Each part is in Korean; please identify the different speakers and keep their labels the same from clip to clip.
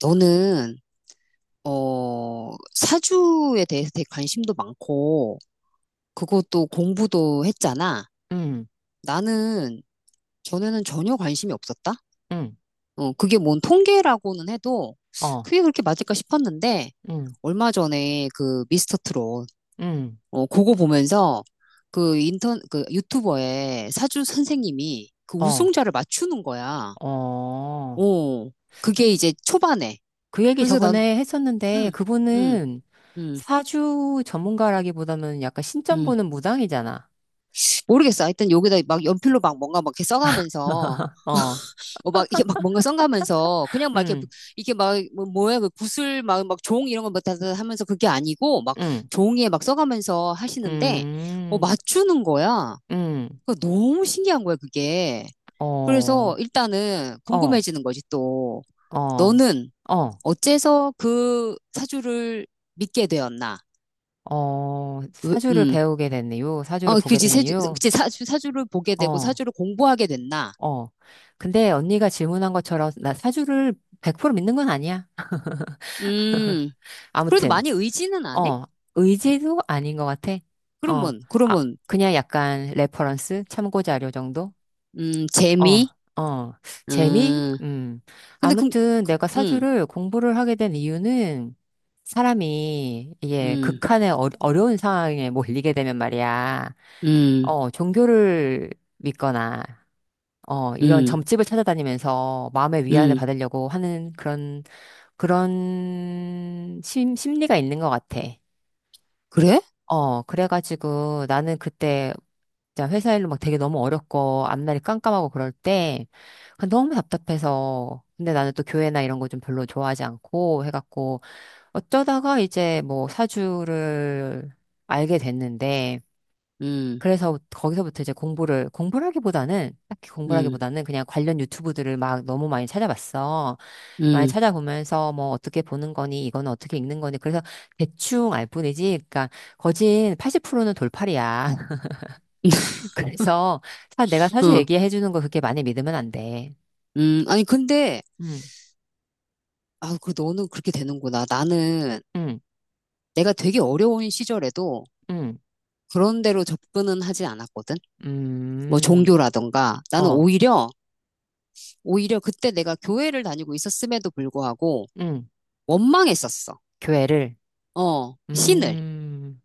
Speaker 1: 너는 사주에 대해서 되게 관심도 많고 그것도 공부도 했잖아.
Speaker 2: 음.
Speaker 1: 나는 전에는 전혀 관심이 없었다.
Speaker 2: 음.
Speaker 1: 그게 뭔 통계라고는 해도
Speaker 2: 어.
Speaker 1: 그게 그렇게 맞을까 싶었는데
Speaker 2: 음.
Speaker 1: 얼마 전에 그 미스터 트롯
Speaker 2: 음.
Speaker 1: 그거 보면서 그 인턴 그 유튜버의 사주 선생님이 그
Speaker 2: 어.
Speaker 1: 우승자를 맞추는 거야.
Speaker 2: 어.
Speaker 1: 어
Speaker 2: 그,
Speaker 1: 그게 이제 초반에.
Speaker 2: 그 얘기
Speaker 1: 그래서 난
Speaker 2: 저번에 했었는데
Speaker 1: 응, 응,
Speaker 2: 그분은
Speaker 1: 응,
Speaker 2: 사주 전문가라기보다는 약간 신점
Speaker 1: 응.
Speaker 2: 보는 무당이잖아.
Speaker 1: 모르겠어. 하여튼 여기다 막 연필로 막 뭔가 막 이렇게 써가면서,
Speaker 2: 어.
Speaker 1: 막 이렇게 막 뭔가 써가면서, 그냥 막 이렇게,
Speaker 2: 음.
Speaker 1: 이렇게 막, 뭐, 뭐야, 그 구슬 막, 막 종 이런 거막 하면서 그게 아니고, 막
Speaker 2: 음.
Speaker 1: 종이에 막 써가면서 하시는데,
Speaker 2: 음.
Speaker 1: 맞추는 거야.
Speaker 2: 음.
Speaker 1: 그 너무 신기한 거야, 그게. 그래서
Speaker 2: 어.
Speaker 1: 일단은
Speaker 2: 어.
Speaker 1: 궁금해지는 거지, 또.
Speaker 2: 어.
Speaker 1: 너는
Speaker 2: 어.
Speaker 1: 어째서 그 사주를 믿게 되었나? 으,
Speaker 2: 사주를 배우게 된 이유, 사주를 보게
Speaker 1: 그지,
Speaker 2: 된
Speaker 1: 사주,
Speaker 2: 이유,
Speaker 1: 그지, 사주, 사주를 보게 되고
Speaker 2: 어,
Speaker 1: 사주를 공부하게 됐나?
Speaker 2: 어. 근데 언니가 질문한 것처럼 나 사주를 100% 믿는 건 아니야.
Speaker 1: 음. 그래도
Speaker 2: 아무튼.
Speaker 1: 많이 의지는 안 해?
Speaker 2: 어, 의지도 아닌 것 같아. 어,
Speaker 1: 그러면,
Speaker 2: 아,
Speaker 1: 그러면,
Speaker 2: 그냥 약간 레퍼런스, 참고 자료 정도?
Speaker 1: 재미,
Speaker 2: 어. 어. 재미?
Speaker 1: 음,
Speaker 2: 음.
Speaker 1: 근데
Speaker 2: 아무튼
Speaker 1: 그,
Speaker 2: 내가
Speaker 1: 음,
Speaker 2: 사주를 공부를 하게 된 이유는 사람이 이게
Speaker 1: 음,
Speaker 2: 극한의 어려운 상황에 몰리게 되면 말이야.
Speaker 1: 음,
Speaker 2: 종교를 믿거나, 이런
Speaker 1: 음,
Speaker 2: 점집을 찾아다니면서 마음의 위안을
Speaker 1: 음,
Speaker 2: 받으려고 하는 그런, 그런 심리가 있는 것 같아.
Speaker 1: 그래?
Speaker 2: 어, 그래가지고 나는 그때 진짜 회사 일로 막 되게 너무 어렵고 앞날이 깜깜하고 그럴 때 그냥 너무 답답해서, 근데 나는 또 교회나 이런 거 좀 별로 좋아하지 않고 해갖고 어쩌다가 이제 뭐 사주를 알게 됐는데
Speaker 1: 음,
Speaker 2: 그래서 거기서부터 이제 공부라기보다는, 딱히
Speaker 1: 음,
Speaker 2: 공부라기보다는 그냥 관련 유튜브들을 막 너무 많이 찾아봤어. 많이
Speaker 1: 음,
Speaker 2: 찾아보면서 뭐 어떻게 보는 거니, 이거는 어떻게 읽는 거니. 그래서 대충 알 뿐이지. 그러니까 거진 80%는 돌팔이야. 그래서 내가 사주
Speaker 1: 어,
Speaker 2: 얘기해 주는 거 그렇게 많이 믿으면 안 돼.
Speaker 1: 아니, 근데,
Speaker 2: 음.
Speaker 1: 아, 그, 너는 그렇게 되는구나. 나는
Speaker 2: 음.
Speaker 1: 내가 되게 어려운 시절에도
Speaker 2: 음.
Speaker 1: 그런 데로 접근은 하지 않았거든. 뭐,
Speaker 2: 음.
Speaker 1: 종교라던가. 나는
Speaker 2: 어.
Speaker 1: 오히려, 그때 내가 교회를 다니고 있었음에도 불구하고
Speaker 2: 음.
Speaker 1: 원망했었어.
Speaker 2: 교회를.
Speaker 1: 어, 신을.
Speaker 2: 음.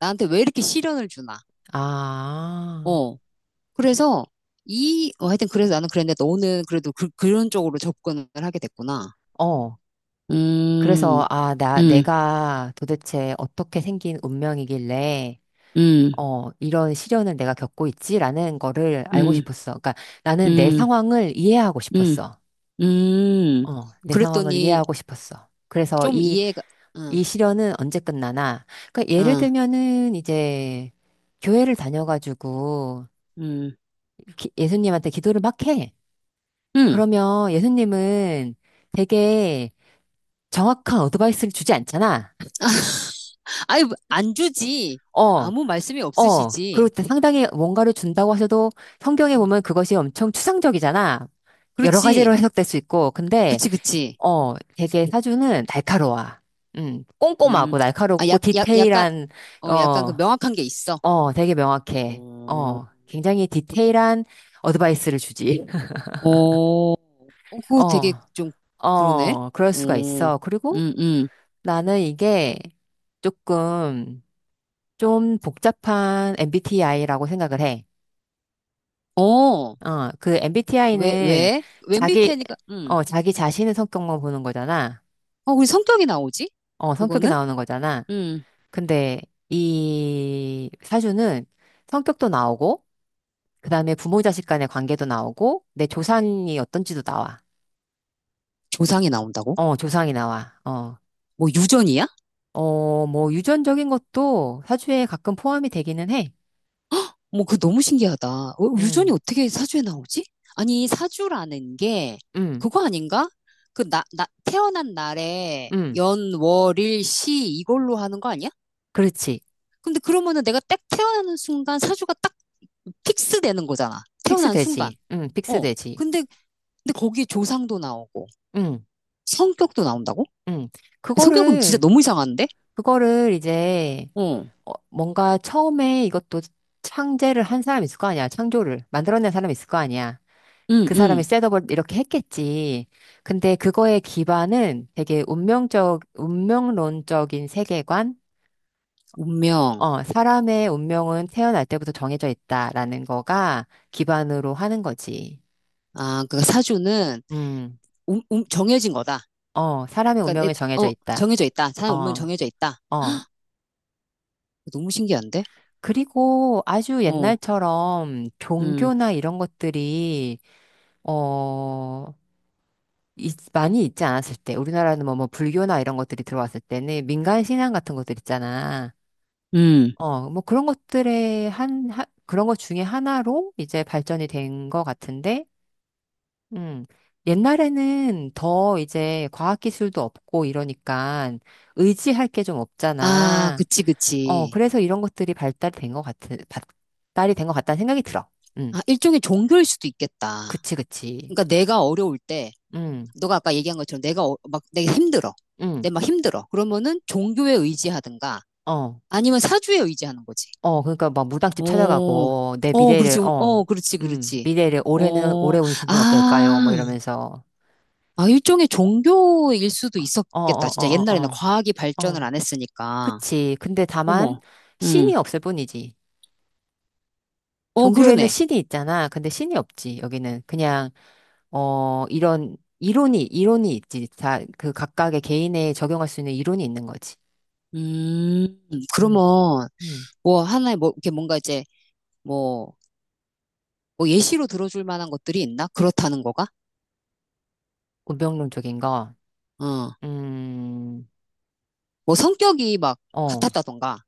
Speaker 1: 나한테 왜 이렇게 시련을 주나.
Speaker 2: 아.
Speaker 1: 어. 그래서 하여튼 그래서 나는 그랬는데 너는 그래도 그, 그런 쪽으로 접근을 하게 됐구나.
Speaker 2: 어.
Speaker 1: 음,
Speaker 2: 그래서,
Speaker 1: 음,
Speaker 2: 내가 도대체 어떻게 생긴 운명이길래,
Speaker 1: 음,
Speaker 2: 이런 시련을 내가 겪고 있지라는 거를 알고
Speaker 1: 음,
Speaker 2: 싶었어. 그러니까 나는 내
Speaker 1: 음,
Speaker 2: 상황을 이해하고
Speaker 1: 음,
Speaker 2: 싶었어.
Speaker 1: 음.
Speaker 2: 어, 내 상황을
Speaker 1: 그랬더니
Speaker 2: 이해하고 싶었어. 그래서
Speaker 1: 좀 이해가, 응,
Speaker 2: 이 시련은 언제 끝나나. 그러니까 예를
Speaker 1: 응,
Speaker 2: 들면은 이제 교회를 다녀가지고
Speaker 1: 음,
Speaker 2: 예수님한테 기도를 막 해.
Speaker 1: 음.
Speaker 2: 그러면 예수님은 되게 정확한 어드바이스를 주지 않잖아.
Speaker 1: 아니, 안 주지.
Speaker 2: 어.
Speaker 1: 아무 말씀이
Speaker 2: 그리고
Speaker 1: 없으시지.
Speaker 2: 상당히 뭔가를 준다고 하셔도 성경에
Speaker 1: 음,
Speaker 2: 보면 그것이 엄청 추상적이잖아. 여러
Speaker 1: 그렇지.
Speaker 2: 가지로 해석될 수 있고.
Speaker 1: 그렇
Speaker 2: 근데,
Speaker 1: 지그지
Speaker 2: 어, 되게 사주는 날카로워.
Speaker 1: 음,
Speaker 2: 꼼꼼하고
Speaker 1: 아,
Speaker 2: 날카롭고
Speaker 1: 약, 약간,
Speaker 2: 디테일한,
Speaker 1: 약간 그
Speaker 2: 어,
Speaker 1: 명확한 게 있어.
Speaker 2: 어, 되게 명확해.
Speaker 1: 어.
Speaker 2: 어, 굉장히 디테일한 어드바이스를 주지.
Speaker 1: 어, 어, 그거 되게
Speaker 2: 어,
Speaker 1: 좀 그러네.
Speaker 2: 그럴
Speaker 1: 어,
Speaker 2: 수가 있어. 그리고
Speaker 1: 음.
Speaker 2: 나는 이게 조금 좀 복잡한 MBTI라고 생각을 해.
Speaker 1: 어,
Speaker 2: 어, 그
Speaker 1: 왜,
Speaker 2: MBTI는
Speaker 1: 왜? m b t
Speaker 2: 자기,
Speaker 1: 니까
Speaker 2: 어, 자기 자신의 성격만 보는 거잖아.
Speaker 1: 우리 성격이 나오지?
Speaker 2: 어, 성격이
Speaker 1: 그거는?
Speaker 2: 나오는 거잖아.
Speaker 1: 음,
Speaker 2: 근데 이 사주는 성격도 나오고, 그 다음에 부모 자식 간의 관계도 나오고, 내 조상이 어떤지도 나와.
Speaker 1: 조상이 나온다고?
Speaker 2: 어, 조상이 나와. 어,
Speaker 1: 뭐 유전이야?
Speaker 2: 어, 뭐 유전적인 것도 사주에 가끔 포함이 되기는 해.
Speaker 1: 뭐 그거 너무 신기하다. 유전이
Speaker 2: 음.
Speaker 1: 어떻게 사주에 나오지? 아니, 사주라는 게
Speaker 2: 음.
Speaker 1: 그거 아닌가? 그 나, 태어난 날에
Speaker 2: 음.
Speaker 1: 연, 월, 일, 시 이걸로 하는 거 아니야?
Speaker 2: 그렇지.
Speaker 1: 근데 그러면은 내가 딱 태어나는 순간 사주가 딱 픽스 되는 거잖아. 태어난 순간.
Speaker 2: 픽스되지.
Speaker 1: 어.
Speaker 2: 픽스되지.
Speaker 1: 근데, 근데 거기에 조상도 나오고,
Speaker 2: 음.
Speaker 1: 성격도 나온다고?
Speaker 2: 음.
Speaker 1: 성격은 진짜
Speaker 2: 그거를,
Speaker 1: 너무 이상한데?
Speaker 2: 그거를 이제,
Speaker 1: 어.
Speaker 2: 어, 뭔가 처음에 이것도 창제를 한 사람이 있을 거 아니야. 창조를 만들어낸 사람이 있을 거 아니야.
Speaker 1: 응,
Speaker 2: 그 사람이
Speaker 1: 응.
Speaker 2: 셋업을 이렇게 했겠지. 근데 그거의 기반은 되게 운명론적인 세계관?
Speaker 1: 운명.
Speaker 2: 어, 사람의 운명은 태어날 때부터 정해져 있다라는 거가 기반으로 하는 거지.
Speaker 1: 아, 그 사주는
Speaker 2: 음.
Speaker 1: 정해진 거다.
Speaker 2: 어, 사람의
Speaker 1: 그러니까,
Speaker 2: 운명이 정해져
Speaker 1: 어,
Speaker 2: 있다.
Speaker 1: 정해져 있다.
Speaker 2: 어,
Speaker 1: 사람 운명 정해져 있다.
Speaker 2: 어.
Speaker 1: 너무 신기한데?
Speaker 2: 그리고 아주
Speaker 1: 어,
Speaker 2: 옛날처럼
Speaker 1: 음,
Speaker 2: 종교나 이런 것들이 어, 많이 있지 않았을 때, 우리나라는 뭐, 불교나 이런 것들이 들어왔을 때는 민간 신앙 같은 것들 있잖아.
Speaker 1: 음.
Speaker 2: 어, 뭐 그런 것들의 그런 것 중에 하나로 이제 발전이 된 것 같은데, 음, 옛날에는 더 이제 과학기술도 없고 이러니까 의지할 게 좀
Speaker 1: 아,
Speaker 2: 없잖아.
Speaker 1: 그치,
Speaker 2: 어,
Speaker 1: 그치.
Speaker 2: 그래서 이런 것들이 발달이 된 것 같다는 생각이 들어. 음,
Speaker 1: 아, 일종의 종교일 수도 있겠다.
Speaker 2: 그치, 그치.
Speaker 1: 그러니까 내가 어려울 때,
Speaker 2: 음.
Speaker 1: 너가 아까 얘기한 것처럼 내가 막, 내가 힘들어.
Speaker 2: 음.
Speaker 1: 내가 막 힘들어. 그러면은 종교에 의지하든가,
Speaker 2: 어.
Speaker 1: 아니면 사주에 의지하는 거지.
Speaker 2: 어, 그러니까 막 무당집
Speaker 1: 어,
Speaker 2: 찾아가고 내
Speaker 1: 어,
Speaker 2: 미래를
Speaker 1: 그렇지,
Speaker 2: 어,
Speaker 1: 어, 그렇지, 그렇지.
Speaker 2: 미래를 올해는
Speaker 1: 어,
Speaker 2: 올해 운수는 어떨까요?
Speaker 1: 아,
Speaker 2: 뭐 이러면서.
Speaker 1: 아, 일종의 종교일 수도
Speaker 2: 어,
Speaker 1: 있었겠다.
Speaker 2: 어,
Speaker 1: 진짜
Speaker 2: 어,
Speaker 1: 옛날에는
Speaker 2: 어,
Speaker 1: 과학이
Speaker 2: 어,
Speaker 1: 발전을
Speaker 2: 어,
Speaker 1: 안 했으니까.
Speaker 2: 그치. 근데 다만
Speaker 1: 어머, 음,
Speaker 2: 신이 없을 뿐이지.
Speaker 1: 어,
Speaker 2: 종교에는
Speaker 1: 그러네.
Speaker 2: 신이 있잖아. 근데 신이 없지. 여기는 그냥 어 이런 이론이 있지. 다 그 각각의 개인에 적용할 수 있는 이론이 있는 거지.
Speaker 1: 음,
Speaker 2: 음.
Speaker 1: 그러면,
Speaker 2: 음.
Speaker 1: 뭐, 하나의, 뭐, 이렇게 뭔가 이제, 뭐, 뭐 예시로 들어줄 만한 것들이 있나? 그렇다는 거가?
Speaker 2: 운명론적인 거.
Speaker 1: 어,
Speaker 2: 음.
Speaker 1: 뭐 성격이 막
Speaker 2: 어.
Speaker 1: 같았다던가.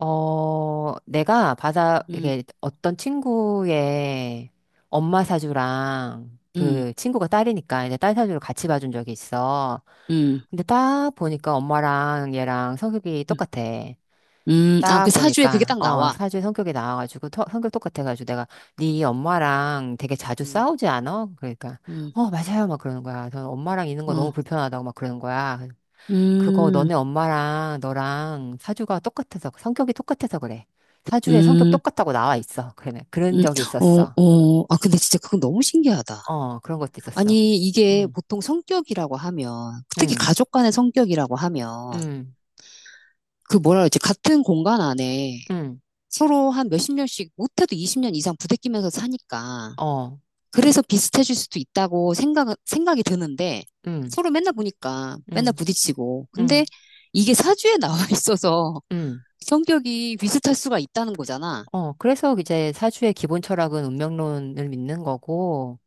Speaker 2: 어, 내가 받아
Speaker 1: 음,
Speaker 2: 이게 어떤 친구의 엄마 사주랑
Speaker 1: 음,
Speaker 2: 그 친구가 딸이니까 이제 딸 사주를 같이 봐준 적이 있어.
Speaker 1: 음,
Speaker 2: 근데 딱 보니까 엄마랑 얘랑 성격이
Speaker 1: 음,
Speaker 2: 똑같아.
Speaker 1: 아,
Speaker 2: 딱
Speaker 1: 그 사주에 그게
Speaker 2: 보니까,
Speaker 1: 딱
Speaker 2: 어,
Speaker 1: 나와.
Speaker 2: 사주에 성격이 나와가지고, 성격 똑같아가지고 내가 네 엄마랑 되게 자주
Speaker 1: 음,
Speaker 2: 싸우지 않아? 그러니까,
Speaker 1: 음,
Speaker 2: 어, 맞아요. 막 그러는 거야. 저는 엄마랑 있는 거
Speaker 1: 어,
Speaker 2: 너무 불편하다고 막 그러는 거야. 그거
Speaker 1: 음.
Speaker 2: 너네 엄마랑 너랑 사주가 똑같아서, 성격이 똑같아서 그래. 사주에 성격
Speaker 1: 음,
Speaker 2: 똑같다고 나와 있어. 그래. 그런
Speaker 1: 음,
Speaker 2: 적이
Speaker 1: 어,
Speaker 2: 있었어.
Speaker 1: 어, 아, 근데 진짜 그건 너무 신기하다.
Speaker 2: 어, 그런 것도 있었어.
Speaker 1: 아니, 이게
Speaker 2: 응.
Speaker 1: 보통 성격이라고 하면, 특히
Speaker 2: 응.
Speaker 1: 가족 간의 성격이라고 하면,
Speaker 2: 응.
Speaker 1: 그 뭐라 그러지, 같은 공간 안에
Speaker 2: 응.
Speaker 1: 서로 한 몇십 년씩, 못해도 20년 이상 부대끼면서 사니까,
Speaker 2: 어.
Speaker 1: 그래서 비슷해질 수도 있다고 생각이 드는데,
Speaker 2: 응.
Speaker 1: 서로 맨날 보니까, 맨날
Speaker 2: 응.
Speaker 1: 부딪히고. 근데
Speaker 2: 응.
Speaker 1: 이게 사주에 나와 있어서
Speaker 2: 응.
Speaker 1: 성격이 비슷할 수가 있다는 거잖아.
Speaker 2: 어, 그래서 이제 사주의 기본 철학은 운명론을 믿는 거고,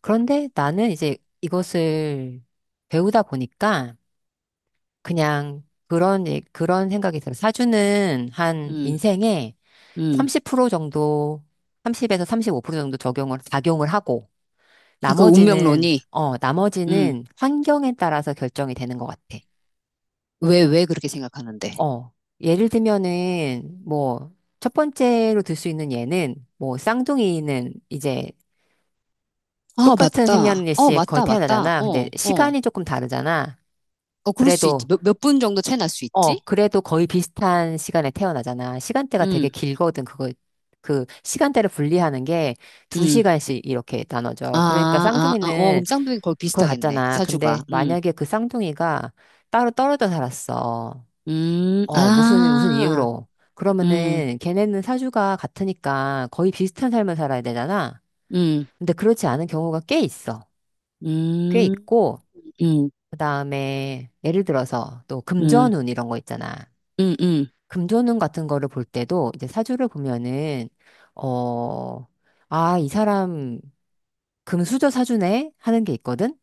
Speaker 2: 그런데 나는 이제 이것을 배우다 보니까 그냥 그런, 그런 생각이 들어. 사주는 한
Speaker 1: 음,
Speaker 2: 인생에
Speaker 1: 음,
Speaker 2: 30% 정도, 30에서 35% 정도 작용을 하고,
Speaker 1: 그
Speaker 2: 나머지는,
Speaker 1: 운명론이.
Speaker 2: 어,
Speaker 1: 음.
Speaker 2: 나머지는 환경에 따라서 결정이 되는 것 같아.
Speaker 1: 왜, 왜 그렇게 생각하는데?
Speaker 2: 어, 예를 들면은, 뭐, 첫 번째로 들 수 있는 예는, 뭐, 쌍둥이는 이제
Speaker 1: 아,
Speaker 2: 똑같은
Speaker 1: 맞다. 어,
Speaker 2: 생년일시에 거의
Speaker 1: 맞다, 맞다.
Speaker 2: 태어나잖아. 근데
Speaker 1: 어, 어.
Speaker 2: 시간이 조금 다르잖아.
Speaker 1: 어, 그럴 수 있지.
Speaker 2: 그래도
Speaker 1: 몇 분 정도 채 날 수 있지?
Speaker 2: 어, 그래도 거의 비슷한 시간에 태어나잖아. 시간대가 되게
Speaker 1: 음,
Speaker 2: 길거든. 시간대를 분리하는 게
Speaker 1: 음.
Speaker 2: 두시간씩 이렇게
Speaker 1: 아,
Speaker 2: 나눠져. 그러니까
Speaker 1: 아, 아, 어,
Speaker 2: 쌍둥이는
Speaker 1: 그럼 쌍둥이 거의
Speaker 2: 그거
Speaker 1: 비슷하겠네.
Speaker 2: 같잖아.
Speaker 1: 사주가.
Speaker 2: 근데 만약에 그 쌍둥이가 따로 떨어져 살았어. 어, 무슨
Speaker 1: 아,
Speaker 2: 이유로.
Speaker 1: 음,
Speaker 2: 그러면은 걔네는 사주가 같으니까 거의 비슷한 삶을 살아야 되잖아.
Speaker 1: 음,
Speaker 2: 근데 그렇지 않은 경우가 꽤 있어. 꽤
Speaker 1: 음,
Speaker 2: 있고,
Speaker 1: 음,
Speaker 2: 그 다음에 예를 들어서 또
Speaker 1: 음,
Speaker 2: 금전운 이런 거 있잖아.
Speaker 1: 음, 음,
Speaker 2: 금조는 같은 거를 볼 때도 이제 사주를 보면은 어, 아, 이 사람 금수저 사주네 하는 게 있거든.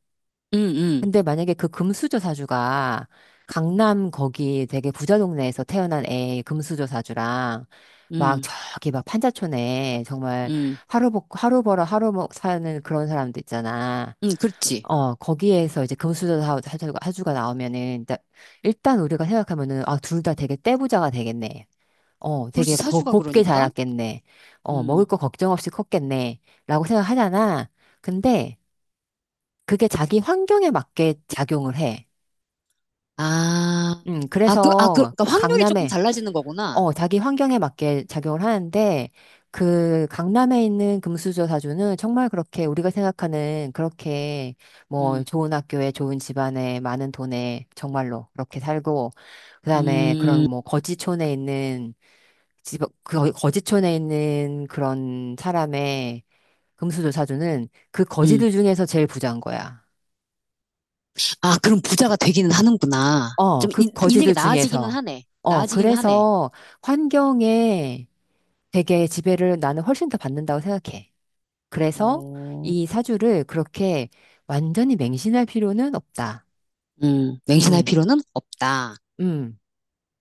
Speaker 1: 음, 음,
Speaker 2: 근데 만약에 그 금수저 사주가 강남 거기 되게 부자 동네에서 태어난 애 금수저 사주랑 막
Speaker 1: 음,
Speaker 2: 저기 막 판자촌에 정말
Speaker 1: 음,
Speaker 2: 하루 벌 하루 벌어 하루 먹 사는 그런 사람도 있잖아.
Speaker 1: 그렇지.
Speaker 2: 어, 거기에서 이제 금수저 사주가 나오면은 일단 우리가 생각하면은 아, 둘 다 되게 떼부자가 되겠네. 어,
Speaker 1: 그렇지.
Speaker 2: 되게
Speaker 1: 사주가
Speaker 2: 곱게
Speaker 1: 그러니까.
Speaker 2: 자랐겠네. 어,
Speaker 1: 음,
Speaker 2: 먹을 거 걱정 없이 컸겠네. 라고 생각하잖아. 근데 그게 자기 환경에 맞게 작용을 해.
Speaker 1: 아, 아, 그, 아, 그,
Speaker 2: 그래서
Speaker 1: 그러니까 확률이 조금
Speaker 2: 강남에,
Speaker 1: 달라지는 거구나.
Speaker 2: 어, 자기 환경에 맞게 작용을 하는데 그 강남에 있는 금수저 사주는 정말 그렇게 우리가 생각하는 그렇게 뭐
Speaker 1: 음,
Speaker 2: 좋은 학교에 좋은 집안에 많은 돈에 정말로 그렇게 살고 그다음에 그런
Speaker 1: 음.
Speaker 2: 뭐 거지촌에 있는 그 거지촌에 있는 그런 사람의 금수저 사주는 그
Speaker 1: 음.
Speaker 2: 거지들 중에서 제일 부자인 거야.
Speaker 1: 아, 그럼 부자가 되기는 하는구나.
Speaker 2: 어,
Speaker 1: 좀
Speaker 2: 그
Speaker 1: 인생이
Speaker 2: 거지들
Speaker 1: 나아지기는
Speaker 2: 중에서.
Speaker 1: 하네.
Speaker 2: 어,
Speaker 1: 나아지기는 하네.
Speaker 2: 그래서 환경에 되게 지배를 나는 훨씬 더 받는다고 생각해. 그래서
Speaker 1: 어,
Speaker 2: 이 사주를 그렇게 완전히 맹신할 필요는 없다.
Speaker 1: 맹신할
Speaker 2: 음.
Speaker 1: 필요는 없다.
Speaker 2: 음.